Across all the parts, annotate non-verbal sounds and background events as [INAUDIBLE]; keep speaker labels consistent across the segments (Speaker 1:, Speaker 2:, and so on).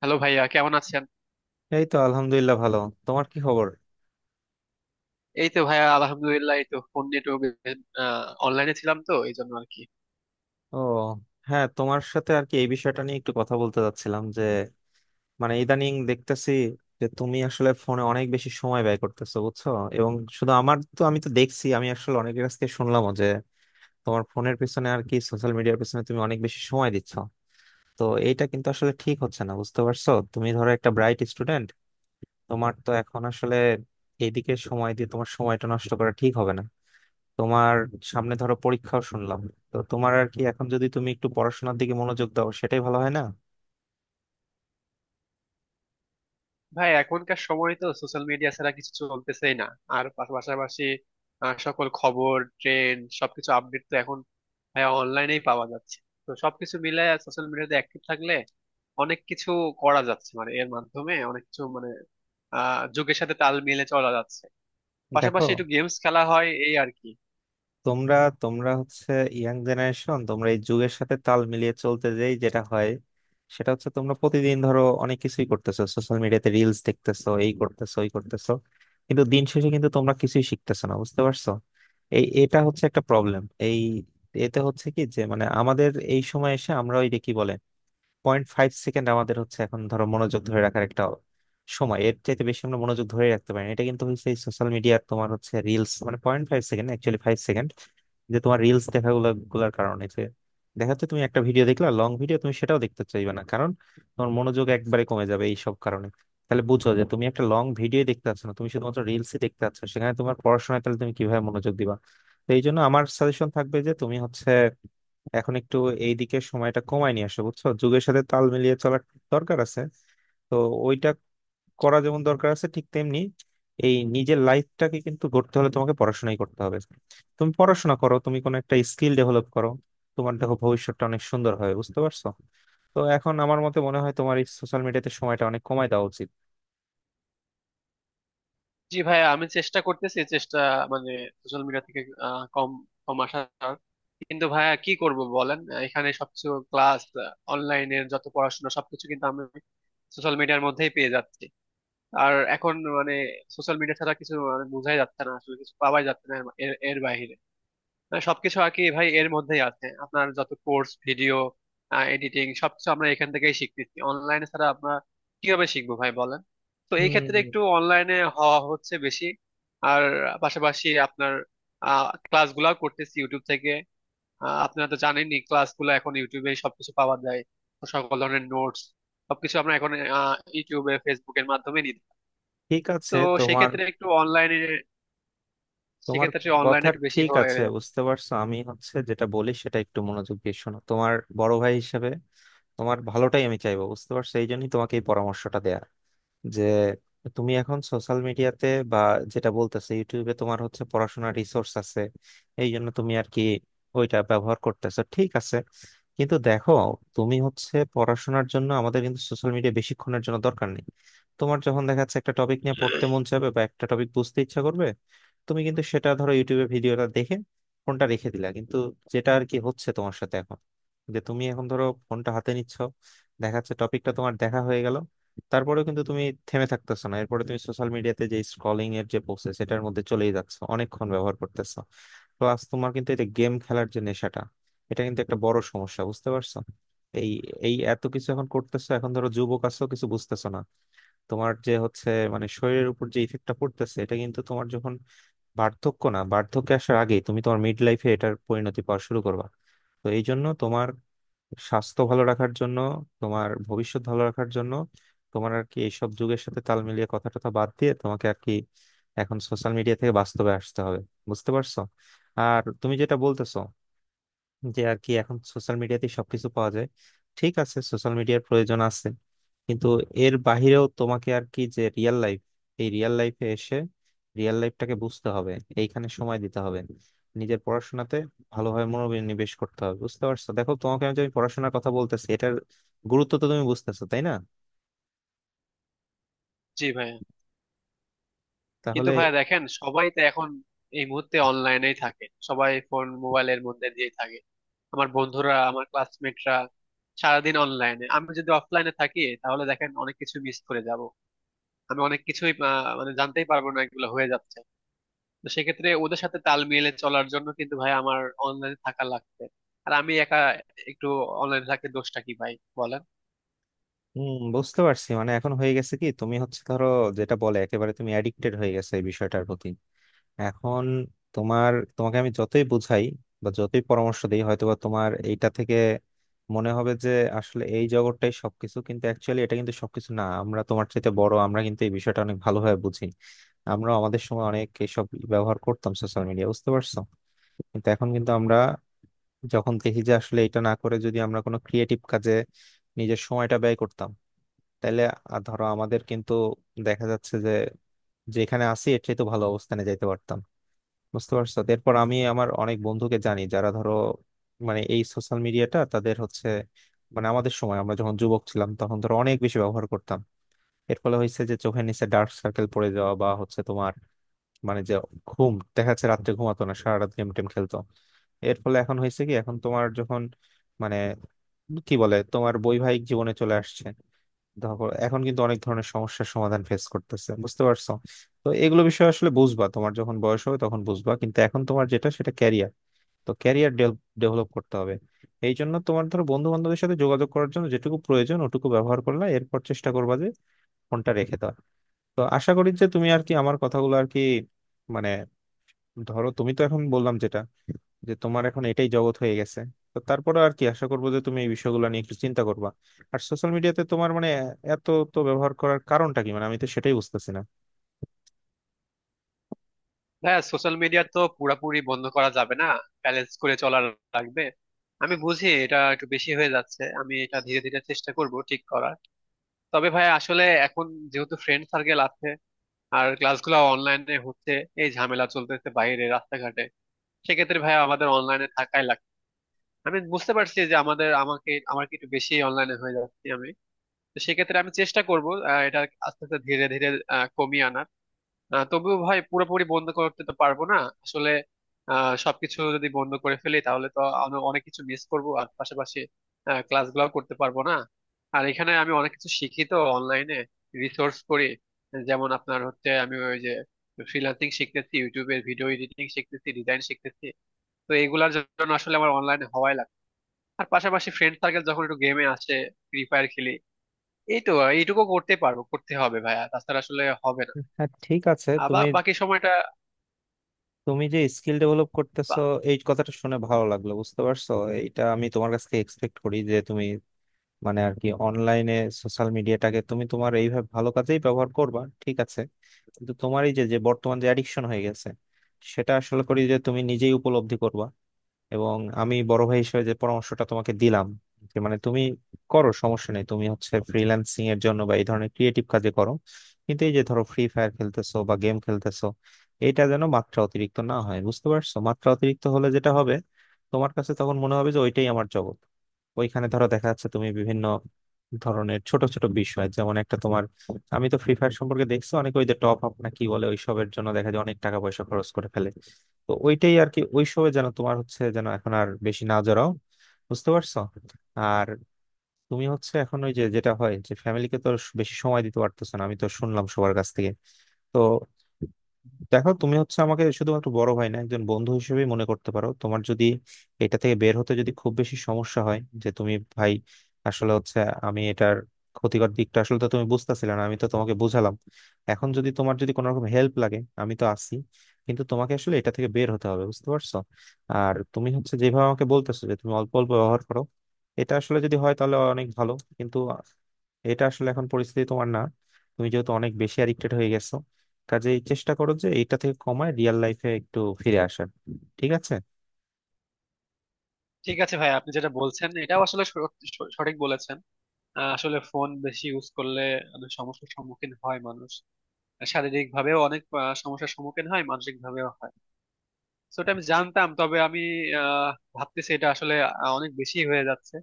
Speaker 1: Hello ভাইয়া, কেমন আছেন?
Speaker 2: এই তো আলহামদুলিল্লাহ ভালো। তোমার কি খবর?
Speaker 1: এই তো ভাইয়া আলহামদুলিল্লাহ, এই তো ফোন নেটওয়ার্ক, অনলাইনে ছিলাম তো এই জন্য আর কি।
Speaker 2: ও, হ্যাঁ, তোমার সাথে আর কি এই বিষয়টা নিয়ে একটু কথা বলতে চাচ্ছিলাম যে, মানে ইদানিং দেখতেছি যে তুমি আসলে ফোনে অনেক বেশি সময় ব্যয় করতেছো, বুঝছো? এবং শুধু আমার তো আমি তো দেখছি, আমি আসলে অনেকের কাছ থেকে শুনলামও যে তোমার ফোনের পিছনে আর কি সোশ্যাল মিডিয়ার পিছনে তুমি অনেক বেশি সময় দিচ্ছ। তো এইটা কিন্তু আসলে ঠিক হচ্ছে না, বুঝতে পারছো? তুমি ধরো একটা ব্রাইট স্টুডেন্ট, তোমার তো এখন আসলে এইদিকে সময় দিয়ে তোমার সময়টা নষ্ট করা ঠিক হবে না। তোমার সামনে ধরো পরীক্ষাও শুনলাম, তো তোমার আর কি এখন যদি তুমি একটু পড়াশোনার দিকে মনোযোগ দাও সেটাই ভালো হয় না?
Speaker 1: ভাই এখনকার সময় তো সোশ্যাল মিডিয়া ছাড়া কিছু চলতেছেই না। আর পাশাপাশি সকল খবর, ট্রেন্ড, সবকিছু আপডেট তো এখন ভাইয়া অনলাইনেই পাওয়া যাচ্ছে। তো সবকিছু মিলে সোশ্যাল মিডিয়াতে অ্যাক্টিভ থাকলে অনেক কিছু করা যাচ্ছে, মানে এর মাধ্যমে অনেক কিছু, মানে যুগের সাথে তাল মিলে চলা যাচ্ছে।
Speaker 2: দেখো,
Speaker 1: পাশাপাশি একটু গেমস খেলা হয়, এই আর কি।
Speaker 2: তোমরা তোমরা হচ্ছে ইয়াং জেনারেশন, তোমরা এই যুগের সাথে তাল মিলিয়ে চলতে যেই যেটা হয়, সেটা হচ্ছে তোমরা প্রতিদিন ধরো অনেক কিছুই করতেছো, সোশ্যাল মিডিয়াতে রিলস দেখতেছো, এই করতেছো, ওই করতেছো, কিন্তু দিন শেষে কিন্তু তোমরা কিছুই শিখতেছো না, বুঝতে পারছো? এটা হচ্ছে একটা প্রবলেম, এই এতে হচ্ছে কি যে মানে আমাদের এই সময় এসে আমরা ওই যে কি বলে পয়েন্ট ফাইভ সেকেন্ড আমাদের হচ্ছে এখন ধরো মনোযোগ ধরে রাখার একটা সময়, এর চাইতে বেশি আমরা মনোযোগ ধরে রাখতে পারি না। এটা কিন্তু হচ্ছে সোশ্যাল মিডিয়ার, তোমার হচ্ছে রিলস, মানে point five second, actually five second, যে তোমার রিলস দেখা গুলো গুলার কারণে যে দেখা যাচ্ছে তুমি একটা ভিডিও দেখলা, লং ভিডিও তুমি সেটাও দেখতে চাইবে না, কারণ তোমার মনোযোগ একবারে কমে যাবে এই সব কারণে। তাহলে বুঝো যে তুমি একটা লং ভিডিও দেখতে পাচ্ছ না, তুমি শুধুমাত্র রিলসই দেখতে পাচ্ছ, সেখানে তোমার পড়াশোনায় তাহলে তুমি কিভাবে মনোযোগ দিবা? তো এই জন্য আমার সাজেশন থাকবে যে তুমি হচ্ছে এখন একটু এইদিকে সময়টা কমায় নিয়ে আসো, বুঝছো? যুগের সাথে তাল মিলিয়ে চলার দরকার আছে, তো ওইটা করা যেমন দরকার আছে, ঠিক তেমনি এই নিজের লাইফটাকে কিন্তু গড়তে হলে তোমাকে পড়াশোনাই করতে হবে। তুমি পড়াশোনা করো, তুমি কোনো একটা স্কিল ডেভেলপ করো, তোমার দেখো ভবিষ্যৎটা অনেক সুন্দর হবে, বুঝতে পারছো? তো এখন আমার মতে মনে হয় তোমার এই সোশ্যাল মিডিয়াতে সময়টা অনেক কমায় দেওয়া উচিত।
Speaker 1: জি ভাই, আমি চেষ্টা করতেছি, চেষ্টা মানে সোশ্যাল মিডিয়া থেকে কম কম আসার। কিন্তু ভাইয়া কি করব বলেন, এখানে সবকিছু ক্লাস, অনলাইনের যত পড়াশোনা সবকিছু কিন্তু আমি সোশ্যাল মিডিয়ার মধ্যেই পেয়ে যাচ্ছি। আর এখন মানে সোশ্যাল মিডিয়া ছাড়া কিছু মানে বোঝাই যাচ্ছে না, আসলে কিছু পাওয়াই যাচ্ছে না এর এর বাইরে। মানে সবকিছু আর কি ভাই এর মধ্যেই আছে, আপনার যত কোর্স, ভিডিও এডিটিং, সবকিছু আমরা এখান থেকেই শিখতেছি। অনলাইনে ছাড়া আমরা কিভাবে শিখবো ভাই বলেন? তো এই ক্ষেত্রে
Speaker 2: হুম।
Speaker 1: একটু অনলাইনে হওয়া হচ্ছে বেশি। আর পাশাপাশি আপনার ক্লাসগুলাও করতেছি ইউটিউব থেকে। আপনারা তো জানেনই ক্লাসগুলো এখন ইউটিউবে সবকিছু পাওয়া যায়। তো সকল ধরনের নোটস সবকিছু আমরা এখন ইউটিউবে, ফেসবুকের মাধ্যমে নিই।
Speaker 2: ঠিক
Speaker 1: তো
Speaker 2: আছে, তোমার
Speaker 1: সেক্ষেত্রে একটু অনলাইনে,
Speaker 2: তোমার
Speaker 1: সেক্ষেত্রে
Speaker 2: কথা
Speaker 1: অনলাইনে একটু বেশি
Speaker 2: ঠিক
Speaker 1: হয়ে
Speaker 2: আছে,
Speaker 1: যাচ্ছে।
Speaker 2: বুঝতে পারছো? আমি হচ্ছে যেটা বলি সেটা একটু মনোযোগ দিয়ে শোনো, তোমার বড় ভাই হিসেবে তোমার ভালোটাই আমি চাইবো, বুঝতে পারছো? এই জন্যই তোমাকে এই পরামর্শটা দেয়া যে তুমি এখন সোশ্যাল মিডিয়াতে বা যেটা বলতেছে ইউটিউবে তোমার হচ্ছে পড়াশোনার রিসোর্স আছে, এই জন্য তুমি আর কি ওইটা ব্যবহার করতেছো, ঠিক আছে। কিন্তু দেখো, তুমি হচ্ছে পড়াশোনার জন্য আমাদের কিন্তু সোশ্যাল মিডিয়া বেশিক্ষণের জন্য দরকার নেই। তোমার যখন দেখা যাচ্ছে একটা টপিক নিয়ে পড়তে মন চাইবে বা একটা টপিক বুঝতে ইচ্ছা করবে, তুমি কিন্তু সেটা ধরো ইউটিউবে ভিডিওটা দেখে ফোনটা রেখে দিলা, কিন্তু যেটা আর কি হচ্ছে তোমার সাথে এখন, যে তুমি এখন ধরো ফোনটা হাতে নিচ্ছ, দেখা যাচ্ছে টপিকটা তোমার দেখা হয়ে গেল, তারপরেও কিন্তু তুমি থেমে থাকতেছো না, এরপরে তুমি সোশ্যাল মিডিয়াতে যে স্ক্রলিং এর যে প্রসেস সেটার মধ্যে চলেই যাচ্ছ, অনেকক্ষণ ব্যবহার করতেছো। প্লাস তোমার কিন্তু এটা গেম খেলার যে নেশাটা, এটা কিন্তু একটা বড় সমস্যা, বুঝতে পারছো? এই এই এত কিছু এখন করতেছো, এখন ধরো যুবক আছো, কিছু বুঝতেছো না। তোমার যে হচ্ছে মানে শরীরের উপর যে ইফেক্টটা পড়তেছে, এটা কিন্তু তোমার যখন বার্ধক্য না, বার্ধক্যে আসার আগেই তুমি তোমার মিড লাইফে এটার পরিণতি পাওয়া শুরু করবা। তো এই জন্য তোমার স্বাস্থ্য ভালো রাখার জন্য, তোমার ভবিষ্যৎ ভালো রাখার জন্য তোমার আর কি এইসব যুগের সাথে তাল মিলিয়ে কথা টথা বাদ দিয়ে তোমাকে আর কি এখন সোশ্যাল মিডিয়া থেকে বাস্তবে আসতে হবে, বুঝতে পারছো? আর তুমি যেটা বলতেছো যে আর কি এখন সোশ্যাল মিডিয়াতে সবকিছু পাওয়া যায়, ঠিক আছে, সোশ্যাল মিডিয়ার প্রয়োজন আছে, কিন্তু এর বাহিরেও তোমাকে আর কি যে রিয়েল লাইফ, এই রিয়েল লাইফে এসে রিয়েল লাইফটাকে বুঝতে হবে, এইখানে সময় দিতে হবে, নিজের পড়াশোনাতে ভালোভাবে মনোনিবেশ করতে হবে, বুঝতে পারছো? দেখো, তোমাকে আমি যে আমি পড়াশোনার কথা বলতেছি, এটার গুরুত্ব তো তুমি বুঝতেছো, তাই না?
Speaker 1: জি ভাই। কিন্তু
Speaker 2: তাহলে
Speaker 1: ভাইয়া দেখেন, সবাই তো এখন এই মুহূর্তে অনলাইনেই থাকে, সবাই ফোন মোবাইলের মধ্যে দিয়ে থাকে। আমার বন্ধুরা, আমার ক্লাসমেটরা সারাদিন অনলাইনে। আমি যদি অফলাইনে থাকি তাহলে দেখেন অনেক কিছু মিস করে যাব, আমি অনেক কিছুই মানে জানতেই পারবো না, এগুলো হয়ে যাচ্ছে। তো সেক্ষেত্রে ওদের সাথে তাল মিলিয়ে চলার জন্য কিন্তু ভাই আমার অনলাইনে থাকা লাগবে। আর আমি একা একটু অনলাইনে থাকতে দোষটা কি ভাই বলেন?
Speaker 2: হম, বুঝতে পারছি, মানে এখন হয়ে গেছে কি তুমি হচ্ছে ধরো, যেটা বলে একেবারে তুমি অ্যাডিক্টেড হয়ে গেছে এই বিষয়টার প্রতি। এখন তোমাকে আমি যতই বুঝাই বা যতই পরামর্শ দিই, হয়তোবা তোমার এইটা থেকে মনে হবে যে আসলে এই জগৎটাই সবকিছু, কিন্তু অ্যাকচুয়ালি এটা কিন্তু সবকিছু না। আমরা তোমার চাইতে বড়, আমরা কিন্তু এই বিষয়টা অনেক ভালোভাবে বুঝি। আমরা আমাদের সময় অনেক এসব ব্যবহার করতাম সোশ্যাল মিডিয়া, বুঝতে পারছো? কিন্তু এখন কিন্তু আমরা যখন দেখি যে আসলে এটা না করে যদি আমরা কোনো ক্রিয়েটিভ কাজে নিজের সময়টা ব্যয় করতাম, তাহলে আর ধরো আমাদের কিন্তু দেখা যাচ্ছে যে যেখানে আছি এর চেয়ে তো ভালো অবস্থানে যাইতে পারতাম, বুঝতে পারছো? তো এরপর আমি আমার অনেক বন্ধুকে জানি যারা ধরো, মানে এই সোশ্যাল মিডিয়াটা তাদের হচ্ছে, মানে আমাদের সময় আমরা যখন যুবক ছিলাম তখন ধরো অনেক বেশি ব্যবহার করতাম, এর ফলে হয়েছে যে চোখের নিচে ডার্ক সার্কেল পড়ে যাওয়া বা হচ্ছে তোমার মানে যে ঘুম, দেখা যাচ্ছে রাত্রে ঘুমাতো না, সারা রাত গেম টেম খেলতো, এর ফলে এখন হয়েছে কি এখন তোমার যখন মানে কি বলে তোমার বৈবাহিক জীবনে চলে আসছে, ধরো এখন কিন্তু অনেক ধরনের সমস্যার সমাধান ফেস করতেছে, বুঝতে পারছো? তো এগুলো বিষয় আসলে বুঝবা তোমার যখন বয়স হবে তখন বুঝবা, কিন্তু এখন তোমার যেটা সেটা ক্যারিয়ার, তো ক্যারিয়ার ডেভেলপ করতে হবে। এই জন্য তোমার ধরো বন্ধু বান্ধবের সাথে যোগাযোগ করার জন্য যেটুকু প্রয়োজন ওটুকু ব্যবহার করলা, এরপর চেষ্টা করবা যে ফোনটা রেখে দাও। তো আশা করি যে তুমি আর কি আমার কথাগুলো আর কি, মানে ধরো তুমি তো এখন বললাম যেটা, যে তোমার এখন এটাই জগৎ হয়ে গেছে, তো তারপরে আর কি আশা করবো যে তুমি এই বিষয়গুলো নিয়ে একটু চিন্তা করবা। আর সোশ্যাল মিডিয়াতে তোমার মানে এত তো ব্যবহার করার কারণটা কি, মানে আমি তো সেটাই বুঝতেছি না।
Speaker 1: হ্যাঁ, সোশ্যাল মিডিয়া তো পুরাপুরি বন্ধ করা যাবে না, ব্যালেন্স করে চলার লাগবে। আমি বুঝি এটা একটু বেশি হয়ে যাচ্ছে, আমি এটা ধীরে ধীরে চেষ্টা করব ঠিক করার। তবে ভাই আসলে এখন যেহেতু ফ্রেন্ড সার্কেল আছে, আর ক্লাসগুলো অনলাইনে হচ্ছে, এই ঝামেলা চলতেছে বাইরে রাস্তাঘাটে, সেক্ষেত্রে ভাই আমাদের অনলাইনে থাকাই লাগবে। আমি বুঝতে পারছি যে আমাদের, আমাকে, আমার কি একটু বেশি অনলাইনে হয়ে যাচ্ছে আমি। তো সেক্ষেত্রে আমি চেষ্টা করবো এটা আস্তে আস্তে, ধীরে ধীরে কমিয়ে আনার। তবুও ভাই পুরোপুরি বন্ধ করতে তো পারবো না আসলে। সবকিছু যদি বন্ধ করে ফেলি তাহলে তো আমি অনেক কিছু মিস করবো, আর পাশাপাশি ক্লাসগুলোও করতে পারবো না। আর এখানে আমি অনেক কিছু শিখি তো অনলাইনে, রিসোর্স করি, যেমন আপনার হচ্ছে আমি ওই যে ফ্রিল্যান্সিং শিখতেছি, ইউটিউবে ভিডিও এডিটিং শিখতেছি, ডিজাইন শিখতেছি। তো এগুলার জন্য আসলে আমার অনলাইনে হওয়াই লাগে। আর পাশাপাশি ফ্রেন্ড সার্কেল যখন একটু গেমে আসে, ফ্রি ফায়ার খেলি, এই তো এইটুকু করতে পারবো, করতে হবে ভাইয়া, তাছাড়া আসলে হবে না।
Speaker 2: হ্যাঁ, ঠিক আছে,
Speaker 1: আবার
Speaker 2: তুমি
Speaker 1: বাকি সময়টা
Speaker 2: তুমি যে স্কিল ডেভেলপ করতেছো, এই কথাটা শুনে ভালো লাগলো, বুঝতে পারছো? এটা আমি তোমার কাছ থেকে এক্সপেক্ট করি যে তুমি মানে আর কি অনলাইনে সোশ্যাল মিডিয়াটাকে তুমি তোমার এইভাবে ভালো কাজেই ব্যবহার করবা, ঠিক আছে। কিন্তু তোমার এই যে যে বর্তমান যে অ্যাডিকশন হয়ে গেছে, সেটা আসলে করি যে তুমি নিজেই উপলব্ধি করবা, এবং আমি বড় ভাই হিসেবে যে পরামর্শটা তোমাকে দিলাম যে মানে তুমি করো সমস্যা নেই, তুমি হচ্ছে ফ্রিল্যান্সিং এর জন্য বা এই ধরনের ক্রিয়েটিভ কাজে করো, কিন্তু এই যে ধরো ফ্রি ফায়ার খেলতেছো বা গেম খেলতেছো, এটা যেন মাত্রা অতিরিক্ত না হয়, বুঝতে পারছো? মাত্রা অতিরিক্ত হলে যেটা হবে, তোমার কাছে তখন মনে হবে যে ওইটাই আমার জগৎ। ওইখানে ধরো দেখা যাচ্ছে তুমি বিভিন্ন ধরনের ছোট ছোট বিষয়, যেমন একটা তোমার, আমি তো ফ্রি ফায়ার সম্পর্কে দেখছি অনেকে ওই যে টপ আপ না কি বলে, ওইসবের জন্য দেখা যায় অনেক টাকা পয়সা খরচ করে ফেলে। তো ওইটাই আর কি ওইসবে যেন তোমার হচ্ছে যেন এখন আর বেশি না জড়াও, বুঝতে পারছো? আর তুমি হচ্ছে এখন ওই যে যেটা হয় যে ফ্যামিলিকে তো বেশি সময় দিতে পারতেছ না, আমি তো শুনলাম সবার কাছ থেকে। তো দেখো, তুমি হচ্ছে আমাকে শুধুমাত্র বড় ভাই না, একজন বন্ধু হিসেবেই মনে করতে পারো। তোমার যদি এটা থেকে বের হতে যদি খুব বেশি সমস্যা হয় যে তুমি ভাই আসলে হচ্ছে আমি এটার ক্ষতিকর দিকটা আসলে তো তুমি বুঝতেছিলে না, আমি তো তোমাকে বুঝালাম। এখন যদি তোমার যদি কোনো রকম হেল্প লাগে, আমি তো আছি, কিন্তু তোমাকে আসলে এটা থেকে বের হতে হবে, বুঝতে পারছো? আর তুমি হচ্ছে যেভাবে আমাকে বলতেছো যে তুমি অল্প অল্প ব্যবহার করো, এটা আসলে যদি হয় তাহলে অনেক ভালো, কিন্তু এটা আসলে এখন পরিস্থিতি তোমার না, তুমি যেহেতু অনেক বেশি অ্যাডিক্টেড হয়ে গেছো, কাজেই চেষ্টা করো যে এইটা থেকে কমায় রিয়েল লাইফে একটু ফিরে আসার, ঠিক আছে?
Speaker 1: ঠিক আছে ভাই, আপনি যেটা বলছেন এটাও আসলে সঠিক বলেছেন। আসলে ফোন বেশি ইউজ করলে অনেক সমস্যার সম্মুখীন হয় মানুষ, শারীরিক ভাবেও অনেক সমস্যার সম্মুখীন হয়, মানসিক ভাবেও হয়। তো এটা আমি জানতাম, তবে আমি আহ, ভাবতেছি এটা আসলে অনেক বেশি হয়ে যাচ্ছে।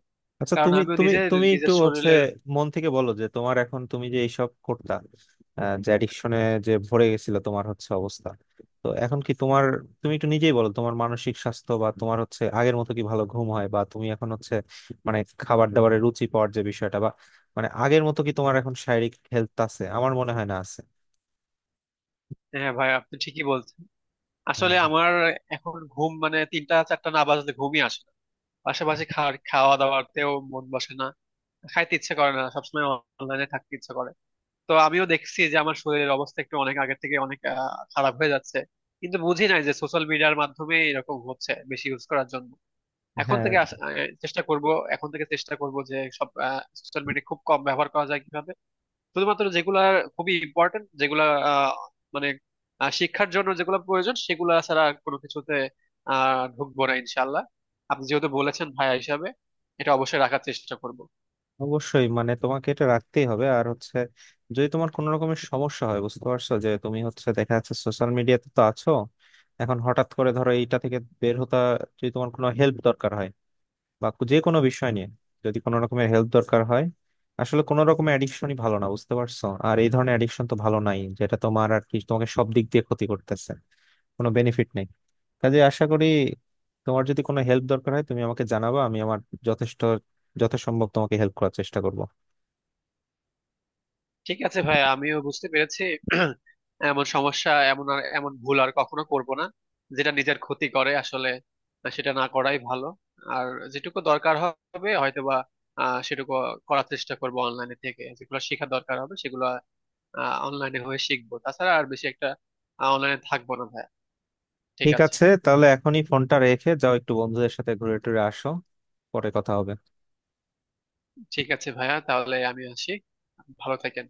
Speaker 2: আচ্ছা,
Speaker 1: কারণ
Speaker 2: তুমি
Speaker 1: আমিও
Speaker 2: তুমি
Speaker 1: নিজে
Speaker 2: তুমি একটু
Speaker 1: নিজের
Speaker 2: হচ্ছে
Speaker 1: শরীরের।
Speaker 2: মন থেকে বলো যে তোমার এখন তুমি যে এইসব করতা, যে অ্যাডিকশনে যে ভরে গেছিল তোমার হচ্ছে অবস্থা, তো এখন কি তোমার, তুমি একটু নিজেই বলো, তোমার মানসিক স্বাস্থ্য বা তোমার হচ্ছে আগের মতো কি ভালো ঘুম হয়, বা তুমি এখন হচ্ছে মানে খাবার দাবারে রুচি পাওয়ার যে বিষয়টা, বা মানে আগের মতো কি তোমার এখন শারীরিক হেলথ আছে? আমার মনে হয় না আছে।
Speaker 1: হ্যাঁ ভাই, আপনি ঠিকই বলছেন। আসলে
Speaker 2: হুম।
Speaker 1: আমার এখন ঘুম মানে তিনটা চারটা না বাজলে ঘুমই আসে না। পাশাপাশি খাওয়া দাওয়াতেও মন বসে না, খাইতে ইচ্ছে করে না সবসময়, অনলাইনে থাকতে ইচ্ছে করে। তো আমিও দেখছি যে আমার শরীরের অবস্থা একটু অনেক আগের থেকে অনেক খারাপ হয়ে যাচ্ছে। কিন্তু বুঝি নাই যে সোশ্যাল মিডিয়ার মাধ্যমে এরকম হচ্ছে, বেশি ইউজ করার জন্য। এখন
Speaker 2: হ্যাঁ,
Speaker 1: থেকে চেষ্টা করব, এখন থেকে চেষ্টা করব যে সব সোশ্যাল মিডিয়া খুব কম ব্যবহার করা যায় কিভাবে। শুধুমাত্র যেগুলা খুবই ইম্পর্টেন্ট, যেগুলা আহ, মানে শিক্ষার জন্য যেগুলো প্রয়োজন, সেগুলা ছাড়া আর কোনো কিছুতে ঢুকবো না ইনশাল্লাহ। আপনি যেহেতু বলেছেন ভাইয়া হিসাবে, এটা অবশ্যই রাখার চেষ্টা করব।
Speaker 2: অবশ্যই, মানে তোমাকে এটা রাখতেই হবে। আর হচ্ছে যদি তোমার কোনো রকমের সমস্যা হয়, বুঝতে পারছো, যে তুমি হচ্ছে দেখা যাচ্ছে সোশ্যাল মিডিয়াতে তো আছো, এখন হঠাৎ করে ধরো এইটা থেকে বের হতে যদি তোমার কোনো হেল্প দরকার হয়, বা যে কোনো বিষয় নিয়ে যদি কোনো রকমের হেল্প দরকার হয়, আসলে কোনো রকমের অ্যাডিকশনই ভালো না, বুঝতে পারছো? আর এই ধরনের অ্যাডিকশন তো ভালো নাই, যেটা তোমার আর কি তোমাকে সব দিক দিয়ে ক্ষতি করতেছে, কোনো বেনিফিট নেই। কাজে আশা করি তোমার যদি কোনো হেল্প দরকার হয় তুমি আমাকে জানাবা, আমি আমার যথেষ্ট যথাসম্ভব তোমাকে হেল্প করার চেষ্টা করব।
Speaker 1: ঠিক আছে ভাই, আমিও বুঝতে পেরেছি। [CLEARS THROAT] এমন সমস্যা, এমন আর এমন ভুল আর কখনো করব না, যেটা নিজের ক্ষতি করে আসলে সেটা না করাই ভালো। আর যেটুকু দরকার হবে হয়তোবা সেটুকু করার চেষ্টা করব, অনলাইনে থেকে যেগুলো শেখা দরকার হবে সেগুলো অনলাইনে হয়ে শিখবো, তাছাড়া আর বেশি একটা অনলাইনে থাকবো না ভাইয়া। ঠিক
Speaker 2: ঠিক
Speaker 1: আছে।
Speaker 2: আছে, তাহলে এখনই ফোনটা রেখে যাও, একটু বন্ধুদের সাথে ঘুরে টুরে আসো। পরে কথা হবে।
Speaker 1: ঠিক আছে ভাইয়া, তাহলে আমি আসি, ভালো থাকেন।